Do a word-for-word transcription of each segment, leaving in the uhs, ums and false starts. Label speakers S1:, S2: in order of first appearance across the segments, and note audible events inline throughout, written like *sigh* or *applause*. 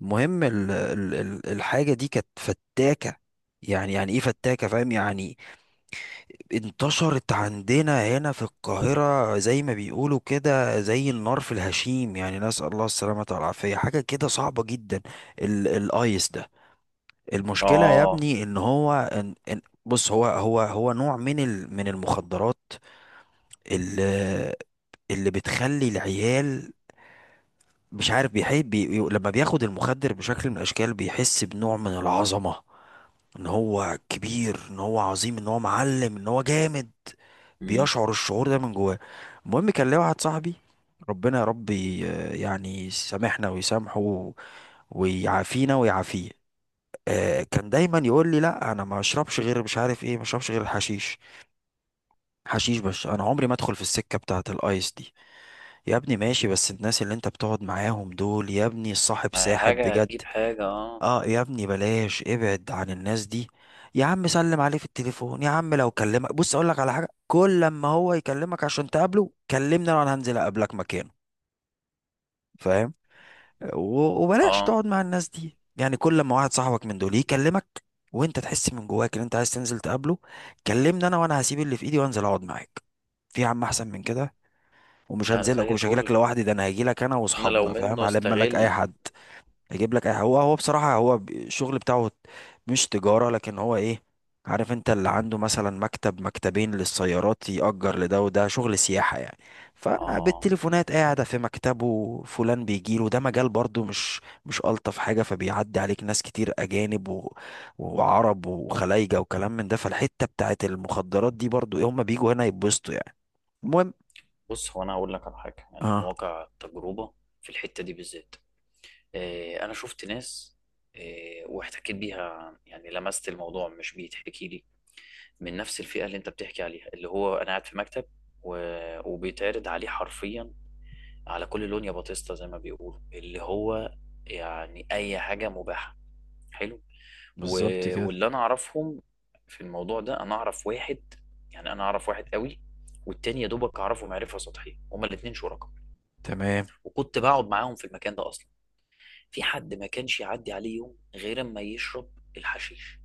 S1: المهم ال- ال- ال- الحاجة دي كانت فتاكة. يعني يعني ايه فتاكة، فاهم يعني. انتشرت عندنا هنا في القاهرة زي ما بيقولوا كده زي النار في الهشيم، يعني نسأل الله السلامة والعافية، حاجة كده صعبة جدا. ال الايس ده. المشكلة يا
S2: اه.
S1: ابني ان هو ان ان. بص هو هو هو نوع من ال من المخدرات اللي اللي بتخلي العيال مش عارف بيحب بي لما بياخد المخدر بشكل من الاشكال بيحس بنوع من العظمة، ان هو كبير، ان هو عظيم، ان هو معلم، ان هو جامد.
S2: مم.
S1: بيشعر الشعور ده من جواه. المهم كان ليا واحد صاحبي، ربنا يا رب ي- يعني يسامحنا ويسامحه و- ويعافينا ويعافيه. آه، كان دايما يقول لي لا انا ما اشربش غير مش عارف ايه، ما اشربش غير الحشيش، حشيش بس، انا عمري ما ادخل في السكه بتاعه الايس دي. يا ابني ماشي، بس الناس اللي انت بتقعد معاهم دول يا ابني الصاحب
S2: ما
S1: ساحب
S2: حاجة
S1: بجد.
S2: هتجيب حاجة، اه
S1: اه يا ابني بلاش، ابعد عن الناس دي. يا عم سلم عليه في التليفون، يا عم لو كلمك، بص اقول لك على حاجه، كل لما هو يكلمك عشان تقابله كلمني انا، هنزل اقابلك مكانه، فاهم؟ و- وبلاش
S2: اه.
S1: تقعد مع الناس دي. يعني كل لما واحد صاحبك من دول يكلمك وانت تحس من جواك ان انت عايز تنزل تقابله، كلمني انا وانا هسيب اللي في ايدي وانزل اقعد معاك في يا عم، احسن من كده. ومش
S2: لا،
S1: هنزلك
S2: زي
S1: ومش هجيلك
S2: الفل.
S1: لوحدي، ده انا هجيلك انا
S2: انا لو
S1: واصحابنا، فاهم؟
S2: منه
S1: هلم لك اي
S2: استغل.
S1: حد هيجيب لك أي- هو هو بصراحة هو ب- الشغل بتاعه مش تجارة، لكن هو ايه، عارف انت اللي عنده مثلا مكتب مكتبين للسيارات يأجر لده وده، شغل سياحة يعني.
S2: اه.
S1: فبالتليفونات قاعدة في مكتبه فلان بيجيله، ده مجال برضو مش مش ألطف حاجة، فبيعدي عليك ناس كتير أجانب و... وعرب وخلايجة وكلام من ده، فالحتة بتاعت المخدرات دي برضو ايه، هما بيجوا هنا يتبسطوا يعني. المهم،
S2: بص، هو انا هقول لك على حاجة يعني من
S1: اه،
S2: واقع التجربة في الحتة دي بالذات. آه انا شفت ناس، آه واحتكيت بيها، يعني لمست الموضوع، مش بيتحكي لي، من نفس الفئة اللي انت بتحكي عليها، اللي هو انا قاعد في مكتب و... وبيتعرض عليه حرفيا على كل لون يا باتيستا، زي ما بيقولوا، اللي هو يعني اي حاجة مباحة. حلو.
S1: بالظبط
S2: و-
S1: كده،
S2: واللي انا اعرفهم في الموضوع ده، انا اعرف واحد، يعني انا اعرف واحد قوي، والتاني يا دوبك اعرفه معرفه سطحيه. هما الاتنين شركاء،
S1: تمام.
S2: وكنت بقعد معاهم في المكان ده اصلا. في حد ما كانش يعدي عليه يوم غير اما يشرب الحشيش،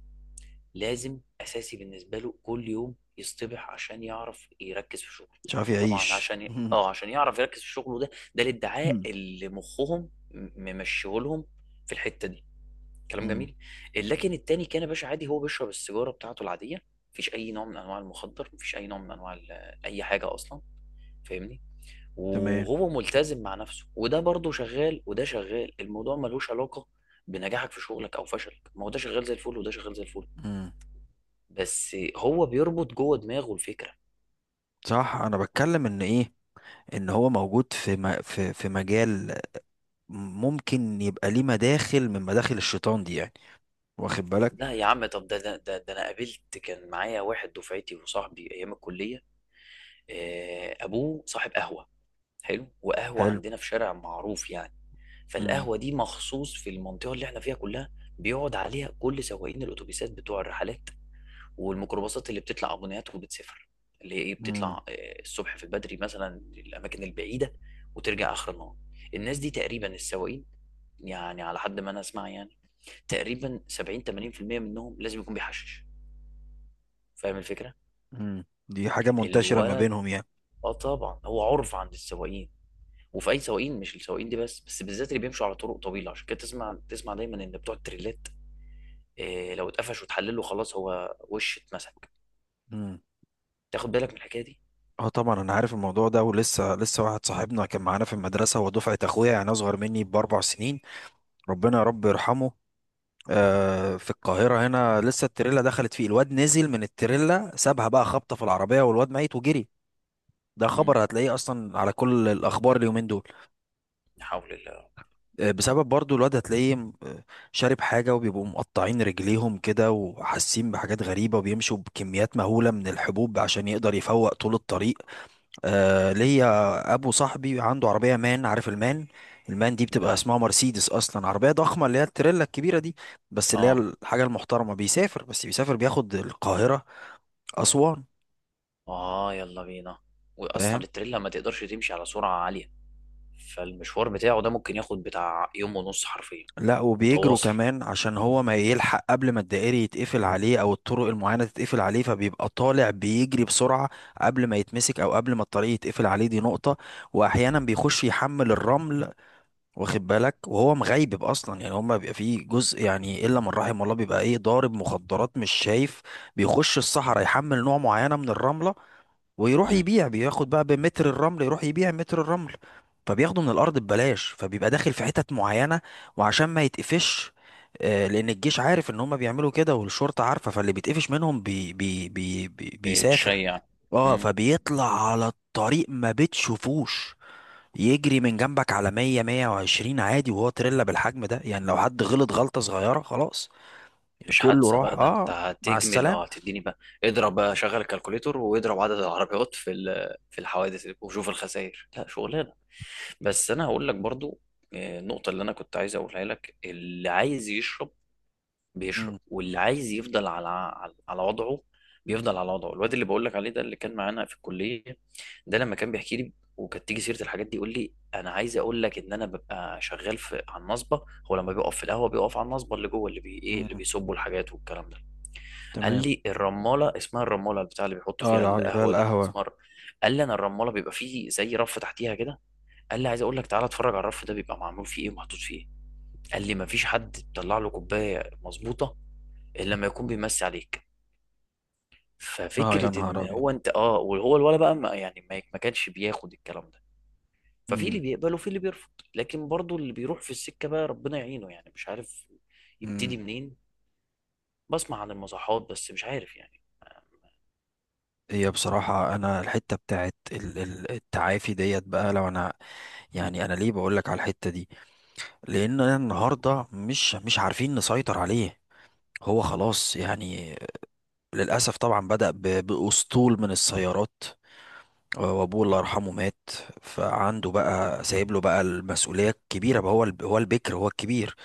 S2: لازم اساسي بالنسبه له كل يوم يصطبح عشان يعرف يركز في شغله.
S1: مش عارف
S2: طبعا
S1: يعيش
S2: عشان ي...
S1: *laughs*
S2: اه عشان يعرف يركز في شغله، ده ده الادعاء اللي مخهم م- ممشيهولهم في الحته دي. كلام
S1: مم.
S2: جميل. لكن التاني كان يا باشا عادي، هو بيشرب السيجاره بتاعته العاديه، مفيش اي نوع من انواع المخدر، مفيش اي نوع من انواع ال- اي حاجه اصلا. فاهمني؟
S1: تمام.
S2: وهو ملتزم مع نفسه، وده برضه شغال وده شغال. الموضوع ملوش علاقه بنجاحك في شغلك او فشلك، ما هو ده شغال زي الفل وده شغال زي الفل.
S1: مم.
S2: بس هو بيربط جوه دماغه الفكره.
S1: صح، انا بتكلم ان ايه، ان هو موجود في م... في في مجال ممكن يبقى ليه مداخل من مداخل الشيطان دي يعني، واخد بالك؟
S2: لا يا عم. طب ده ده ده, ده انا قابلت، كان معايا واحد دفعتي وصاحبي ايام الكليه، آه، ابوه صاحب قهوه. حلو. وقهوه
S1: حلو.
S2: عندنا في شارع معروف يعني،
S1: مم.
S2: فالقهوة دي مخصوص في المنطقة اللي احنا فيها كلها، بيقعد عليها كل سواقين الأتوبيسات بتوع الرحلات والميكروباصات اللي بتطلع أبونات وبتسافر، اللي هي إيه، بتطلع
S1: مم.
S2: آه، الصبح في البدري مثلا، الأماكن البعيدة، وترجع آخر النهار. الناس دي تقريبا، السواقين، يعني على حد ما أنا أسمع يعني، تقريبا سبعين تمانين في المية منهم لازم يكون بيحشش. فاهم الفكرة؟
S1: مم. دي حاجة منتشرة ما
S2: الولد،
S1: بينهم يعني.
S2: اه طبعا هو عرف عند السواقين. وفي اي سواقين، مش السواقين دي بس بس بالذات اللي بيمشوا على طرق طويله، عشان كده تسمع تسمع دايما ان بتوع التريلات، إيه، لو اتقفش وتحلله خلاص هو وش اتمسك.
S1: مم.
S2: تاخد بالك من الحكايه دي.
S1: اه طبعا انا عارف الموضوع ده، ولسه لسه واحد صاحبنا كان معانا في المدرسة، هو دفعة اخويا يعني اصغر مني باربع سنين، ربنا يا رب يرحمه. آه، في القاهرة هنا، لسه التريلا دخلت فيه الواد، نزل من التريلا سابها بقى، خبطة في العربية والواد ميت وجري. ده
S2: مم.
S1: خبر هتلاقيه اصلا على كل الاخبار اليومين دول.
S2: لا حول الله.
S1: آه، بسبب برضو الواد هتلاقيه م- آه، شارب حاجه، وبيبقوا مقطعين رجليهم كده وحاسين بحاجات غريبه، وبيمشوا بكميات مهوله من الحبوب عشان يقدر يفوق طول الطريق. آه، ليا ابو صاحبي عنده عربيه مان، عارف المان؟ المان دي بتبقى
S2: لا.
S1: اسمها مرسيدس اصلا، عربيه ضخمه اللي هي التريلا الكبيره دي، بس اللي هي
S2: اه.
S1: الحاجه المحترمه. بيسافر بس، بيسافر بياخد القاهره اسوان،
S2: اه يلا بينا.
S1: فاهم؟
S2: واصلا التريلا ما تقدرش تمشي على سرعه عاليه، فالمشوار بتاعه ده ممكن ياخد بتاع يوم ونص حرفيا،
S1: لا وبيجروا
S2: متواصل.
S1: كمان عشان هو ما يلحق قبل ما الدائري يتقفل عليه او الطرق المعينة تتقفل عليه، فبيبقى طالع بيجري بسرعة قبل ما يتمسك او قبل ما الطريق يتقفل عليه، دي نقطة. واحيانا
S2: مم.
S1: بيخش يحمل الرمل، واخد بالك؟ وهو مغيب اصلا، يعني هما بيبقى فيه جزء، يعني الا من رحم الله، بيبقى ايه، ضارب مخدرات، مش شايف. بيخش الصحراء يحمل نوع معينة من الرملة، ويروح
S2: مم.
S1: يبيع، بياخد بقى بمتر الرمل يروح يبيع متر الرمل، فبياخده من الارض ببلاش، فبيبقى داخل في حتت معينة. وعشان ما يتقفش، آه، لان الجيش عارف ان هم بيعملوا كده والشرطة عارفة، فاللي بيتقفش منهم بي بي بي بي بيسافر
S2: بتشيع.
S1: اه فبيطلع على الطريق ما بتشوفوش، يجري من جنبك على مية مية وعشرين عادي، وهو تريلا بالحجم ده. يعني لو حد غلط غلطة صغيرة خلاص، يعني
S2: مش
S1: كله
S2: حادثه
S1: راح،
S2: بقى ده، انت
S1: اه مع
S2: هتجمل،
S1: السلامة.
S2: اه هتديني بقى. اضرب بقى، شغل الكالكوليتور واضرب عدد العربيات في ال- في الحوادث وشوف الخسائر، لا شغلانه. بس انا هقول لك برضو، آه، النقطه اللي انا كنت عايز اقولها لك، اللي عايز يشرب بيشرب،
S1: مم،
S2: واللي عايز يفضل على على على وضعه بيفضل على وضعه. الواد اللي بقول لك عليه ده، اللي كان معانا في الكليه، ده لما كان بيحكي لي وكانت تيجي سيره الحاجات دي، يقول لي انا عايز اقول لك ان انا ببقى شغال في على النصبه. هو لما بيقف في القهوه، بيقف على النصبه اللي جوه، اللي بي ايه،
S1: مم،
S2: اللي بيصبوا الحاجات والكلام ده. قال
S1: تمام.
S2: لي الرماله، اسمها الرماله البتاع اللي بيحطوا فيها
S1: اه اللي فيها
S2: القهوه دي،
S1: القهوة.
S2: اسمها الر- قال لي انا الرماله بيبقى فيه زي رف تحتيها كده. قال لي عايز اقول لك تعالى اتفرج على الرف ده بيبقى معمول فيه ايه ومحطوط فيه ايه. قال لي مفيش حد بيطلع له كوبايه مظبوطه الا لما يكون بيمسي عليك.
S1: اه يا
S2: ففكره
S1: نهار
S2: ان
S1: ابيض.
S2: هو انت، اه، وهو الولا بقى ما يعني ما ما كانش بياخد الكلام ده. ففي اللي
S1: امم
S2: بيقبل وفي اللي بيرفض، لكن برضو اللي بيروح في السكه بقى ربنا يعينه، يعني مش عارف يبتدي
S1: امم
S2: منين. بسمع عن المصحات بس مش عارف يعني.
S1: هي بصراحة أنا الحتة بتاعت ال- ال- التعافي ديت بقى، لو أنا، يعني أنا ليه بقولك على الحتة دي؟ لأن أنا النهاردة مش مش عارفين نسيطر عليه، هو خلاص يعني. للأسف طبعا بدأ ب- بأسطول من السيارات، وأبوه الله يرحمه مات، فعنده بقى سايب له بقى المسؤولية الكبيرة بقى، هو الب- هو البكر، هو الكبير.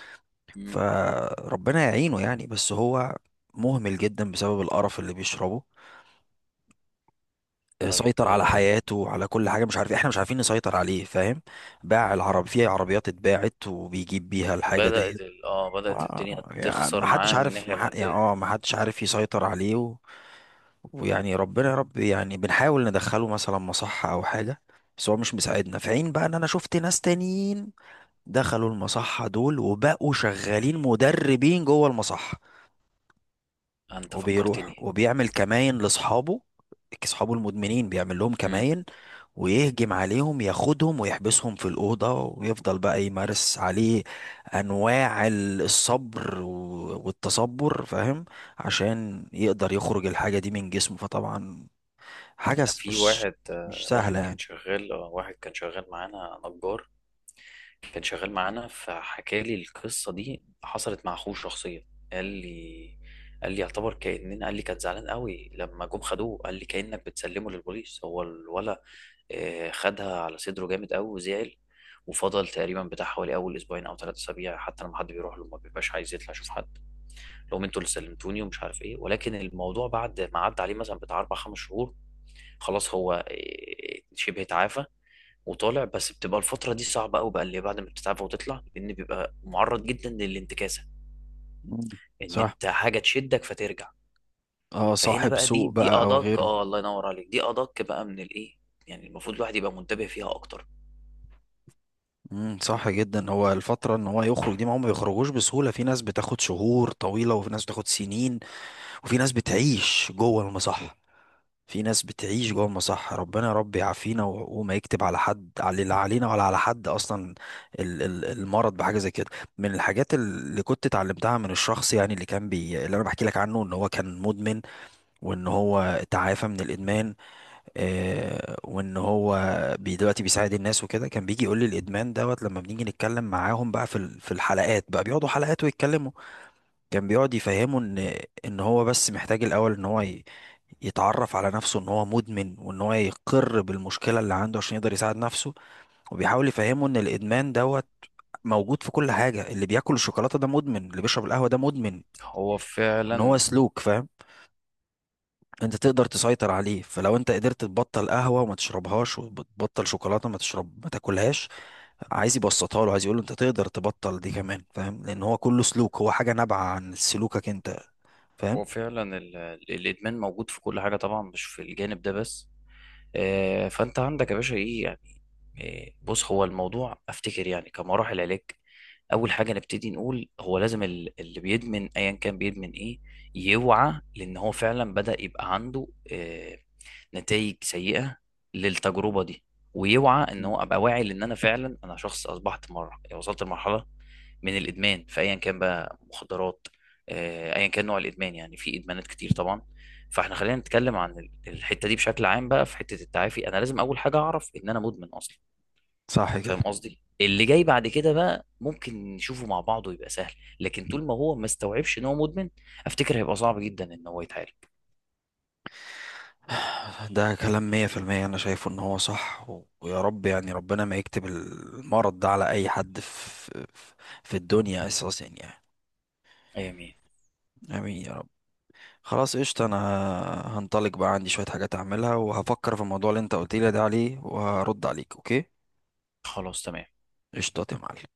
S2: مم.
S1: فربنا يعينه يعني، بس هو مهمل جدا بسبب القرف اللي بيشربه،
S2: طيب،
S1: سيطر على
S2: آه،
S1: حياته وعلى كل حاجه. مش عارف، احنا مش عارفين نسيطر عليه، فاهم؟ باع
S2: مم.
S1: العرب، في عربيات اتباعت وبيجيب بيها الحاجه
S2: بدأت
S1: ديت.
S2: ال... اه بدأت الدنيا
S1: آه، يعني ما
S2: تخسر
S1: حدش
S2: معاه من
S1: عارف،
S2: الناحية
S1: ما ح- يعني
S2: المادية.
S1: اه ما حدش عارف يسيطر عليه و... ويعني ربنا يا رب، يعني بنحاول ندخله مثلا مصحه او حاجه، بس هو مش مساعدنا. في عين بقى ان انا شفت ناس تانيين دخلوا المصحه دول وبقوا شغالين مدربين جوه المصحه،
S2: انت
S1: وبيروح
S2: فكرتني.
S1: وبيعمل كماين لاصحابه، اصحابه المدمنين بيعمل لهم
S2: امم،
S1: كماين، ويهجم عليهم ياخدهم ويحبسهم في الأوضة، ويفضل بقى يمارس عليه أنواع ال- الصبر و- والتصبر، فاهم؟ عشان يقدر يخرج الحاجة دي من جسمه. فطبعا حاجة
S2: انا
S1: س-
S2: في
S1: مش
S2: واحد،
S1: مش
S2: آه، واحد
S1: سهلة
S2: كان
S1: يعني.
S2: شغال، آه، واحد كان شغال معانا نجار، كان شغال معانا، فحكى لي القصة دي، حصلت مع اخوه شخصيا. قال لي قال لي يعتبر كأننا، قال لي كان زعلان قوي لما جم خدوه، قال لي كأنك بتسلمه للبوليس. هو الولا آه، خدها على صدره جامد قوي وزعل، وفضل تقريبا بتاع حوالي اول اسبوعين او ثلاث اسابيع حتى لما حد بيروح له ما بيبقاش عايز يطلع يشوف حد، لهم انتوا اللي سلمتوني ومش عارف ايه. ولكن الموضوع بعد ما عدى عليه مثلا بتاع اربع خمس شهور، خلاص هو إيه، شبه اتعافى وطالع. بس بتبقى الفتره دي صعبه قوي بقى، اللي بعد ما بتتعافى وتطلع، لان بيبقى معرض جدا للانتكاسه،
S1: مم.
S2: ان
S1: صح.
S2: انت حاجه تشدك فترجع.
S1: اه
S2: فهنا
S1: صاحب
S2: بقى، دي
S1: سوء
S2: دي
S1: بقى أو
S2: ادق،
S1: غيره.
S2: اه، الله ينور عليك، دي ادق بقى من الايه، يعني المفروض الواحد يبقى منتبه فيها اكتر.
S1: امم صح جدا. هو الفترة ان هو يخرج دي، ما هم بيخرجوش بسهولة، في ناس بتاخد شهور طويلة وفي ناس بتاخد سنين، وفي ناس بتعيش جوه المصحة، في ناس بتعيش جوه المصحة. ربنا يا رب يعافينا و- وما يكتب على حد، على لا علينا ولا على حد أصلا ال- ال- المرض بحاجة زي كده. من الحاجات اللي كنت اتعلمتها من الشخص يعني اللي كان بي، اللي أنا بحكي لك عنه، إن هو كان مدمن، وإن هو تعافى من الإدمان. آه، وإن هو بي دلوقتي بيساعد الناس وكده. كان بيجي يقول لي الإدمان دوت لما بنيجي نتكلم معاهم بقى في ال- في الحلقات بقى، بيقعدوا حلقات ويتكلموا. كان بيقعد يفهمه ان ان هو بس محتاج الاول ان هو ي- يتعرف على نفسه ان هو مدمن، وان هو يقر بالمشكله اللي عنده عشان يقدر يساعد نفسه. وبيحاول يفهمه ان الادمان دوت موجود في كل حاجه، اللي بياكل الشوكولاته ده مدمن، اللي بيشرب القهوه ده مدمن،
S2: هو
S1: ان هو
S2: فعلا.
S1: سلوك، فاهم؟ انت تقدر تسيطر عليه، فلو انت قدرت تبطل قهوه وما تشربهاش، وتبطل شوكولاته ما تشرب ما تاكلهاش، عايز يبسطها له، عايز يقول له انت تقدر تبطل دي كمان، فاهم؟ لان هو كله سلوك، هو حاجه نابعه عن سلوكك انت، فاهم؟
S2: هو فعلا ال- ال- الادمان موجود في كل حاجه طبعا، مش في الجانب ده بس. آه، فانت عندك يا باشا ايه، إيه، بص هو الموضوع افتكر يعني كمراحل علاج، اول حاجه نبتدي نقول هو لازم ال- اللي بيدمن، ايا كان بيدمن ايه، يوعى، لان هو فعلا بدا يبقى عنده نتائج سيئه للتجربه دي، ويوعى ان
S1: مم.
S2: هو ابقى واعي، لان انا فعلا انا شخص اصبحت مره، وصلت لمرحله من الادمان، فايا كان بقى مخدرات، آه، ايا كان نوع الادمان، يعني في ادمانات كتير طبعا، فاحنا خلينا نتكلم عن ال- الحته دي بشكل عام بقى. في حته التعافي انا لازم اول حاجه اعرف ان انا مدمن اصلا.
S1: صح كده.
S2: فاهم قصدي؟ اللي جاي بعد كده بقى ممكن نشوفه مع بعض ويبقى سهل، لكن طول ما هو ما استوعبش ان هو مدمن، افتكر هيبقى صعب جدا ان هو يتعالج.
S1: ده كلام مية في المية، أنا شايفه إن هو صح. و- ويا رب يعني ربنا ما يكتب المرض ده على أي حد في في الدنيا أساسا يعني.
S2: امين.
S1: آمين يا رب. خلاص قشطة، أنا هنطلق بقى، عندي شوية حاجات أعملها، وهفكر في الموضوع اللي أنت قلت لي ده عليه وهرد عليك، أوكي؟
S2: خلاص تمام.
S1: قشطة يا معلم.